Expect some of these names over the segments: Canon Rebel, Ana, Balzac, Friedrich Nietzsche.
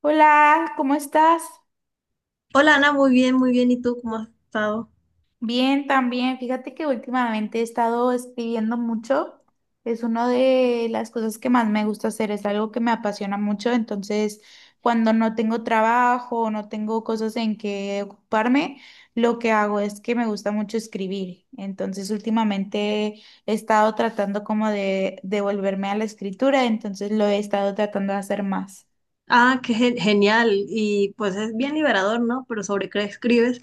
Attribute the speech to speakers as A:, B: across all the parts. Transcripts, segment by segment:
A: Hola, ¿cómo estás?
B: Hola Ana, muy bien, muy bien. ¿Y tú cómo has estado?
A: Bien, también. Fíjate que últimamente he estado escribiendo mucho. Es una de las cosas que más me gusta hacer, es algo que me apasiona mucho. Entonces, cuando no tengo trabajo, o no tengo cosas en que ocuparme, lo que hago es que me gusta mucho escribir. Entonces, últimamente he estado tratando como de devolverme a la escritura, entonces lo he estado tratando de hacer más.
B: Ah, qué genial. Y pues es bien liberador, ¿no? ¿Pero sobre qué escribes?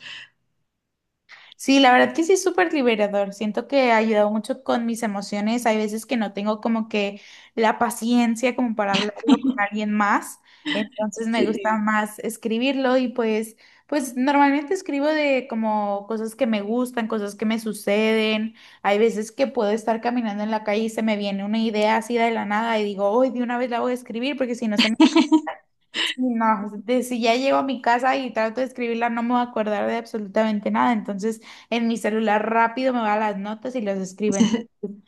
A: Sí, la verdad que sí es súper liberador. Siento que ha ayudado mucho con mis emociones. Hay veces que no tengo como que la paciencia como para hablarlo con alguien más. Entonces me gusta
B: Sí.
A: más escribirlo y pues, pues normalmente escribo de como cosas que me gustan, cosas que me suceden. Hay veces que puedo estar caminando en la calle y se me viene una idea así de la nada y digo, hoy de una vez la voy a escribir porque si no se me... Sí, no, si ya llego a mi casa y trato de escribirla, no me voy a acordar de absolutamente nada. Entonces, en mi celular rápido me va a las notas y las escribo.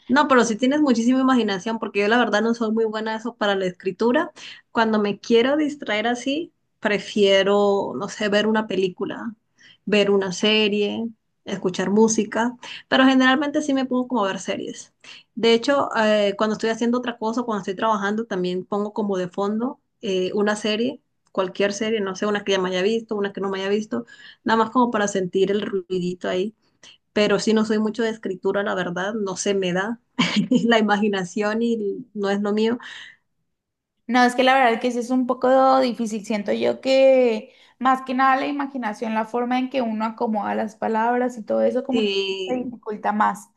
B: No, pero si tienes muchísima imaginación, porque yo la verdad no soy muy buena eso para la escritura. Cuando me quiero distraer así, prefiero, no sé, ver una película, ver una serie, escuchar música, pero generalmente sí me pongo como a ver series. De hecho, cuando estoy haciendo otra cosa, cuando estoy trabajando, también pongo como de fondo una serie, cualquier serie, no sé, una que ya me haya visto, una que no me haya visto, nada más como para sentir el ruidito ahí, pero sí no soy mucho de escritura, la verdad, no se me da la imaginación y no es lo mío,
A: No, es que la verdad que sí es un poco difícil. Siento yo que más que nada la imaginación, la forma en que uno acomoda las palabras y todo eso, como que se
B: y
A: dificulta más.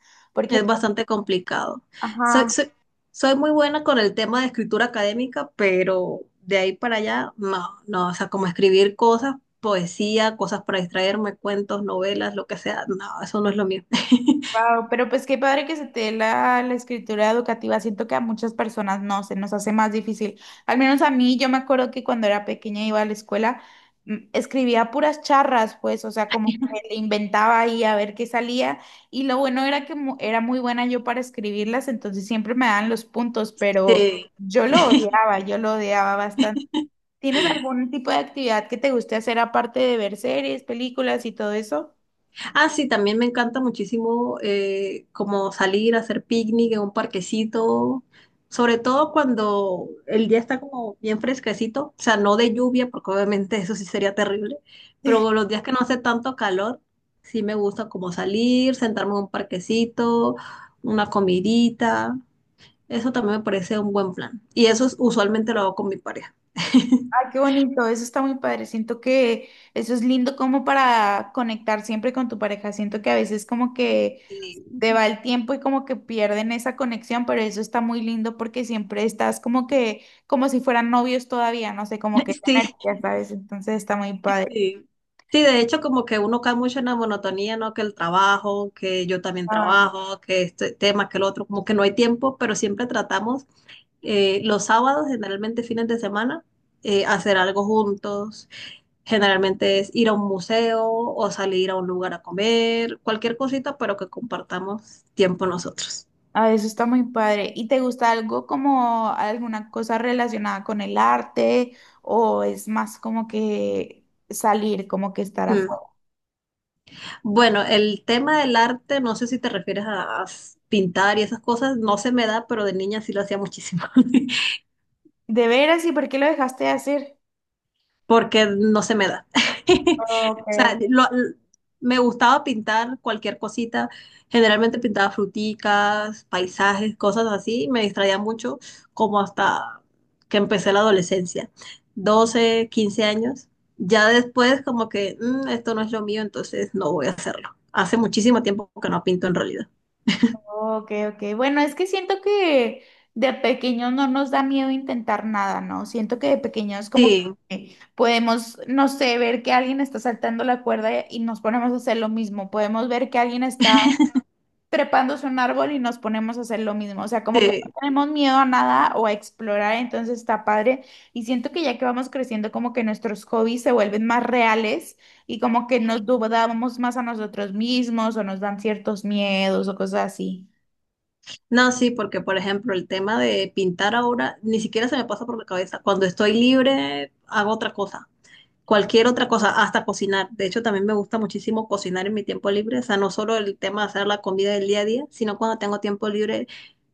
B: es
A: Porque,
B: bastante complicado. Soy,
A: ajá...
B: soy, soy muy buena con el tema de escritura académica, pero de ahí para allá, no, no, o sea, como escribir cosas, poesía, cosas para distraerme, cuentos, novelas, lo que sea, no, eso no es lo mío.
A: Wow, pero pues qué padre que se te dé la, la escritura educativa. Siento que a muchas personas no, se nos hace más difícil. Al menos a mí, yo me acuerdo que cuando era pequeña iba a la escuela, escribía puras charras, pues, o sea, como que le inventaba ahí a ver qué salía. Y lo bueno era que era muy buena yo para escribirlas, entonces siempre me daban los puntos, pero
B: Eh,
A: yo lo odiaba bastante. ¿Tienes algún tipo de actividad que te guste hacer aparte de ver series, películas y todo eso?
B: Ah, sí, también me encanta muchísimo como salir a hacer picnic en un parquecito, sobre todo cuando el día está como bien fresquecito, o sea, no de lluvia, porque obviamente eso sí sería terrible, pero los días que no hace tanto calor, sí me gusta como salir, sentarme en un parquecito, una comidita, eso también me parece un buen plan. Y usualmente lo hago con mi pareja.
A: Ah, qué bonito, eso está muy padre. Siento que eso es lindo como para conectar siempre con tu pareja. Siento que a veces como que te va el tiempo y como que pierden esa conexión, pero eso está muy lindo porque siempre estás como que, como si fueran novios todavía, no sé, como que esa
B: Sí,
A: energía, ¿sabes? Entonces está muy padre.
B: Sí. Sí, de hecho, como que uno cae mucho en la monotonía, ¿no? Que el trabajo, que yo también
A: Ah,
B: trabajo, que este tema, que el otro, como que no hay tiempo, pero siempre tratamos los sábados, generalmente fines de semana, hacer algo juntos. Generalmente es ir a un museo o salir a un lugar a comer, cualquier cosita, pero que compartamos tiempo nosotros.
A: ah, eso está muy padre. ¿Y te gusta algo como alguna cosa relacionada con el arte o es más como que salir, como que estar
B: Mm.
A: afuera?
B: Bueno, el tema del arte, no sé si te refieres a pintar y esas cosas, no se me da, pero de niña sí lo hacía muchísimo.
A: ¿De veras? ¿Y por qué lo dejaste de hacer?
B: Porque no se me da. O
A: Okay,
B: sea, me gustaba pintar cualquier cosita, generalmente pintaba fruticas, paisajes, cosas así, me distraía mucho como hasta que empecé la adolescencia, 12 15 años. Ya después como que "Mm, esto no es lo mío, entonces no voy a hacerlo". Hace muchísimo tiempo que no pinto en realidad.
A: okay, okay. Bueno, es que siento que de pequeños no nos da miedo intentar nada, ¿no? Siento que de pequeños como
B: Sí,
A: podemos, no sé, ver que alguien está saltando la cuerda y nos ponemos a hacer lo mismo. Podemos ver que alguien está trepándose un árbol y nos ponemos a hacer lo mismo. O sea, como que no
B: sí.
A: tenemos miedo a nada o a explorar, entonces está padre. Y siento que ya que vamos creciendo, como que nuestros hobbies se vuelven más reales y como que nos dudamos más a nosotros mismos o nos dan ciertos miedos o cosas así.
B: No, sí, porque por ejemplo el tema de pintar ahora ni siquiera se me pasa por la cabeza. Cuando estoy libre hago otra cosa, cualquier otra cosa, hasta cocinar. De hecho, también me gusta muchísimo cocinar en mi tiempo libre, o sea, no solo el tema de hacer la comida del día a día, sino cuando tengo tiempo libre,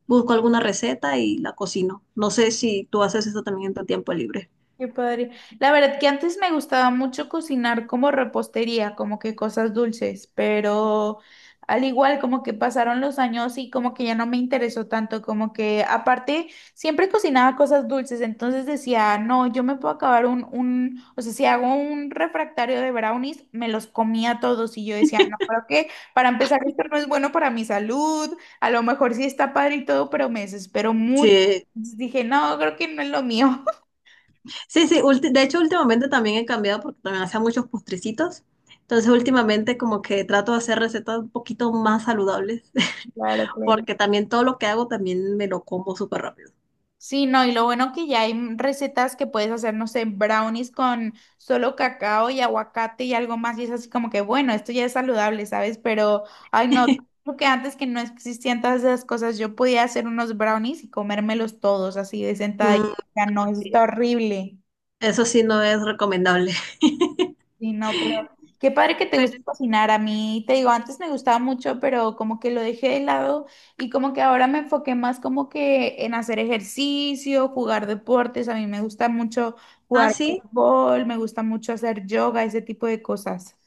B: busco alguna receta y la cocino. No sé si tú haces eso también en tu tiempo libre.
A: Qué padre. La verdad que antes me gustaba mucho cocinar como repostería, como que cosas dulces, pero al igual como que pasaron los años y como que ya no me interesó tanto, como que aparte siempre cocinaba cosas dulces, entonces decía, no, yo me puedo acabar o sea, si hago un refractario de brownies, me los comía todos y yo decía, no, creo que para empezar esto no es bueno para mi salud, a lo mejor sí está padre y todo, pero me desespero mucho.
B: Sí,
A: Entonces dije, no, creo que no es lo mío.
B: sí, de hecho últimamente también he cambiado porque también hacía muchos postrecitos. Entonces últimamente como que trato de hacer recetas un poquito más saludables
A: Claro, claro.
B: porque también todo lo que hago también me lo como súper rápido.
A: Sí, no, y lo bueno que ya hay recetas que puedes hacer, no sé, brownies con solo cacao y aguacate y algo más, y es así como que, bueno, esto ya es saludable, ¿sabes? Pero, ay, no, creo que antes que no existían todas esas cosas, yo podía hacer unos brownies y comérmelos todos así de sentada, y
B: Mm,
A: ya no, eso está
B: sí.
A: horrible.
B: Eso sí no es recomendable.
A: Sí, no, pero qué padre que te
B: Pero,
A: guste cocinar. A mí, te digo, antes me gustaba mucho, pero como que lo dejé de lado y como que ahora me enfoqué más como que en hacer ejercicio, jugar deportes. A mí me gusta mucho
B: ah,
A: jugar
B: sí.
A: fútbol, me gusta mucho hacer yoga, ese tipo de cosas.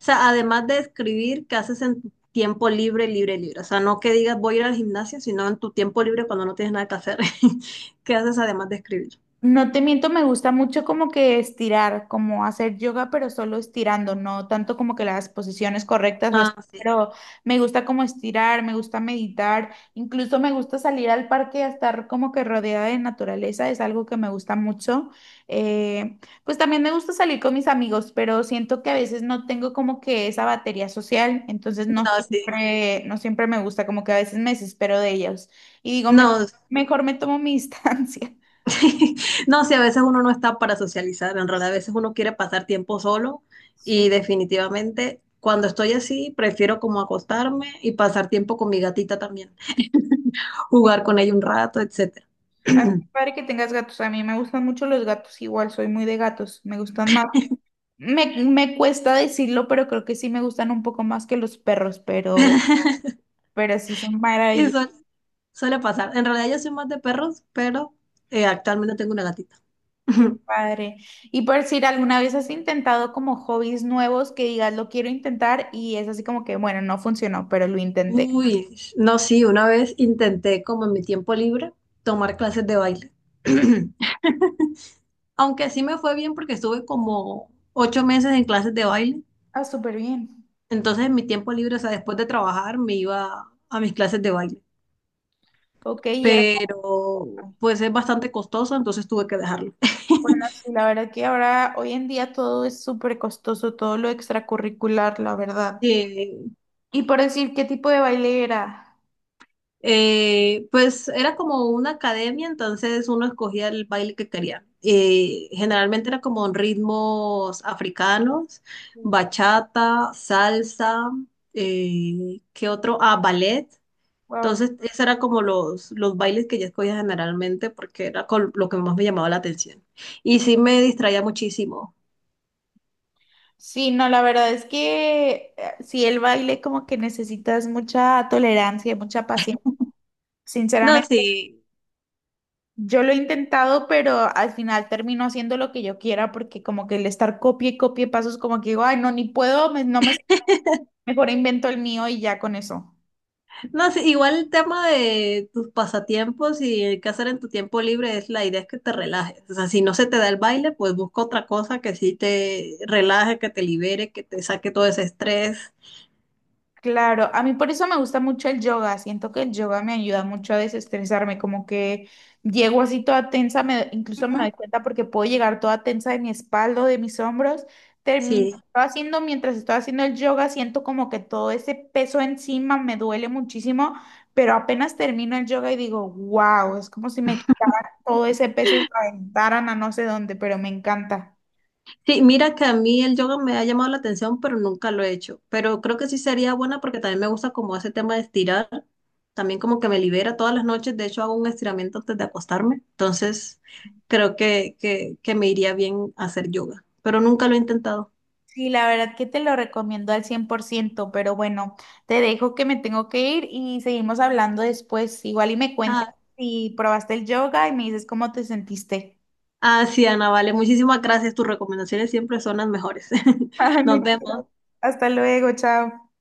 B: O sea, además de escribir, ¿qué haces en tu tiempo libre, libre, libre? O sea, no que digas voy a ir al gimnasio, sino en tu tiempo libre cuando no tienes nada que hacer. ¿Qué haces además de escribir?
A: No te miento, me gusta mucho como que estirar, como hacer yoga, pero solo estirando, no tanto como que las posiciones correctas o así,
B: Ah, sí.
A: pero me gusta como estirar, me gusta meditar, incluso me gusta salir al parque a estar como que rodeada de naturaleza, es algo que me gusta mucho. Pues también me gusta salir con mis amigos, pero siento que a veces no tengo como que esa batería social, entonces no
B: No, sí.
A: siempre, no siempre me gusta, como que a veces me desespero de ellos y digo,
B: No,
A: mejor me tomo mi distancia".
B: no, sí, a veces uno no está para socializar, en realidad a veces uno quiere pasar tiempo solo
A: Sí.
B: y definitivamente cuando estoy así prefiero como acostarme y pasar tiempo con mi gatita también,
A: Sí.
B: jugar con ella un rato, etcétera.
A: Ah, qué padre que tengas gatos. A mí me gustan mucho los gatos, igual soy muy de gatos, me gustan más. Me cuesta decirlo, pero creo que sí me gustan un poco más que los perros, pero sí son
B: Y
A: maravillosos.
B: suele pasar. En realidad yo soy más de perros, pero actualmente tengo una gatita.
A: Qué padre. Y por decir, ¿alguna vez has intentado como hobbies nuevos que digas lo quiero intentar y es así como que, bueno, no funcionó, pero lo intenté?
B: Uy, no, sí, una vez intenté como en mi tiempo libre tomar clases de baile. Aunque sí me fue bien porque estuve como 8 meses en clases de baile.
A: Ah, súper bien.
B: Entonces en mi tiempo libre, o sea, después de trabajar me iba a mis clases de baile.
A: Ok, y era
B: Pero
A: como-
B: pues es bastante costoso, entonces tuve que dejarlo.
A: bueno, sí, la verdad que ahora, hoy en día todo es súper costoso, todo lo extracurricular, la verdad.
B: Eh,
A: Y por decir qué tipo de baile era.
B: pues era como una academia, entonces uno escogía el baile que quería. Generalmente era como en ritmos africanos, bachata, salsa, ¿qué otro? Ah, ballet.
A: Wow.
B: Entonces, esos eran como los bailes que yo escogía generalmente porque era con lo que más me llamaba la atención. Y sí me distraía muchísimo.
A: Sí, no, la verdad es que sí, el baile como que necesitas mucha tolerancia y mucha paciencia.
B: No,
A: Sinceramente,
B: sí.
A: yo lo he intentado, pero al final termino haciendo lo que yo quiera porque como que el estar copie y copie pasos como que digo, ay, no, ni puedo, no me, mejor invento el mío y ya con eso.
B: No, sí, igual el tema de tus pasatiempos y el qué hacer en tu tiempo libre es la idea es que te relajes. O sea, si no se te da el baile, pues busca otra cosa que sí te relaje, que te libere, que te saque todo ese estrés.
A: Claro, a mí por eso me gusta mucho el yoga. Siento que el yoga me ayuda mucho a desestresarme, como que llego así toda tensa, incluso me doy
B: Ujú.
A: cuenta porque puedo llegar toda tensa de mi espalda, de mis hombros.
B: Sí.
A: Termino haciendo, mientras estoy haciendo el yoga, siento como que todo ese peso encima me duele muchísimo, pero apenas termino el yoga y digo, wow, es como si me quitaran todo ese peso y lo aventaran a no sé dónde, pero me encanta.
B: Sí, mira que a mí el yoga me ha llamado la atención, pero nunca lo he hecho. Pero creo que sí sería buena porque también me gusta como ese tema de estirar. También como que me libera todas las noches. De hecho, hago un estiramiento antes de acostarme. Entonces, creo que me iría bien hacer yoga. Pero nunca lo he intentado.
A: Sí, la verdad que te lo recomiendo al 100%, pero bueno, te dejo que me tengo que ir y seguimos hablando después. Igual y me cuentas si probaste el yoga y me dices cómo te sentiste.
B: Ah, sí, Ana, vale. Muchísimas gracias. Tus recomendaciones siempre son las mejores.
A: Ay,
B: Nos
A: muchas
B: vemos.
A: gracias. Hasta luego, chao.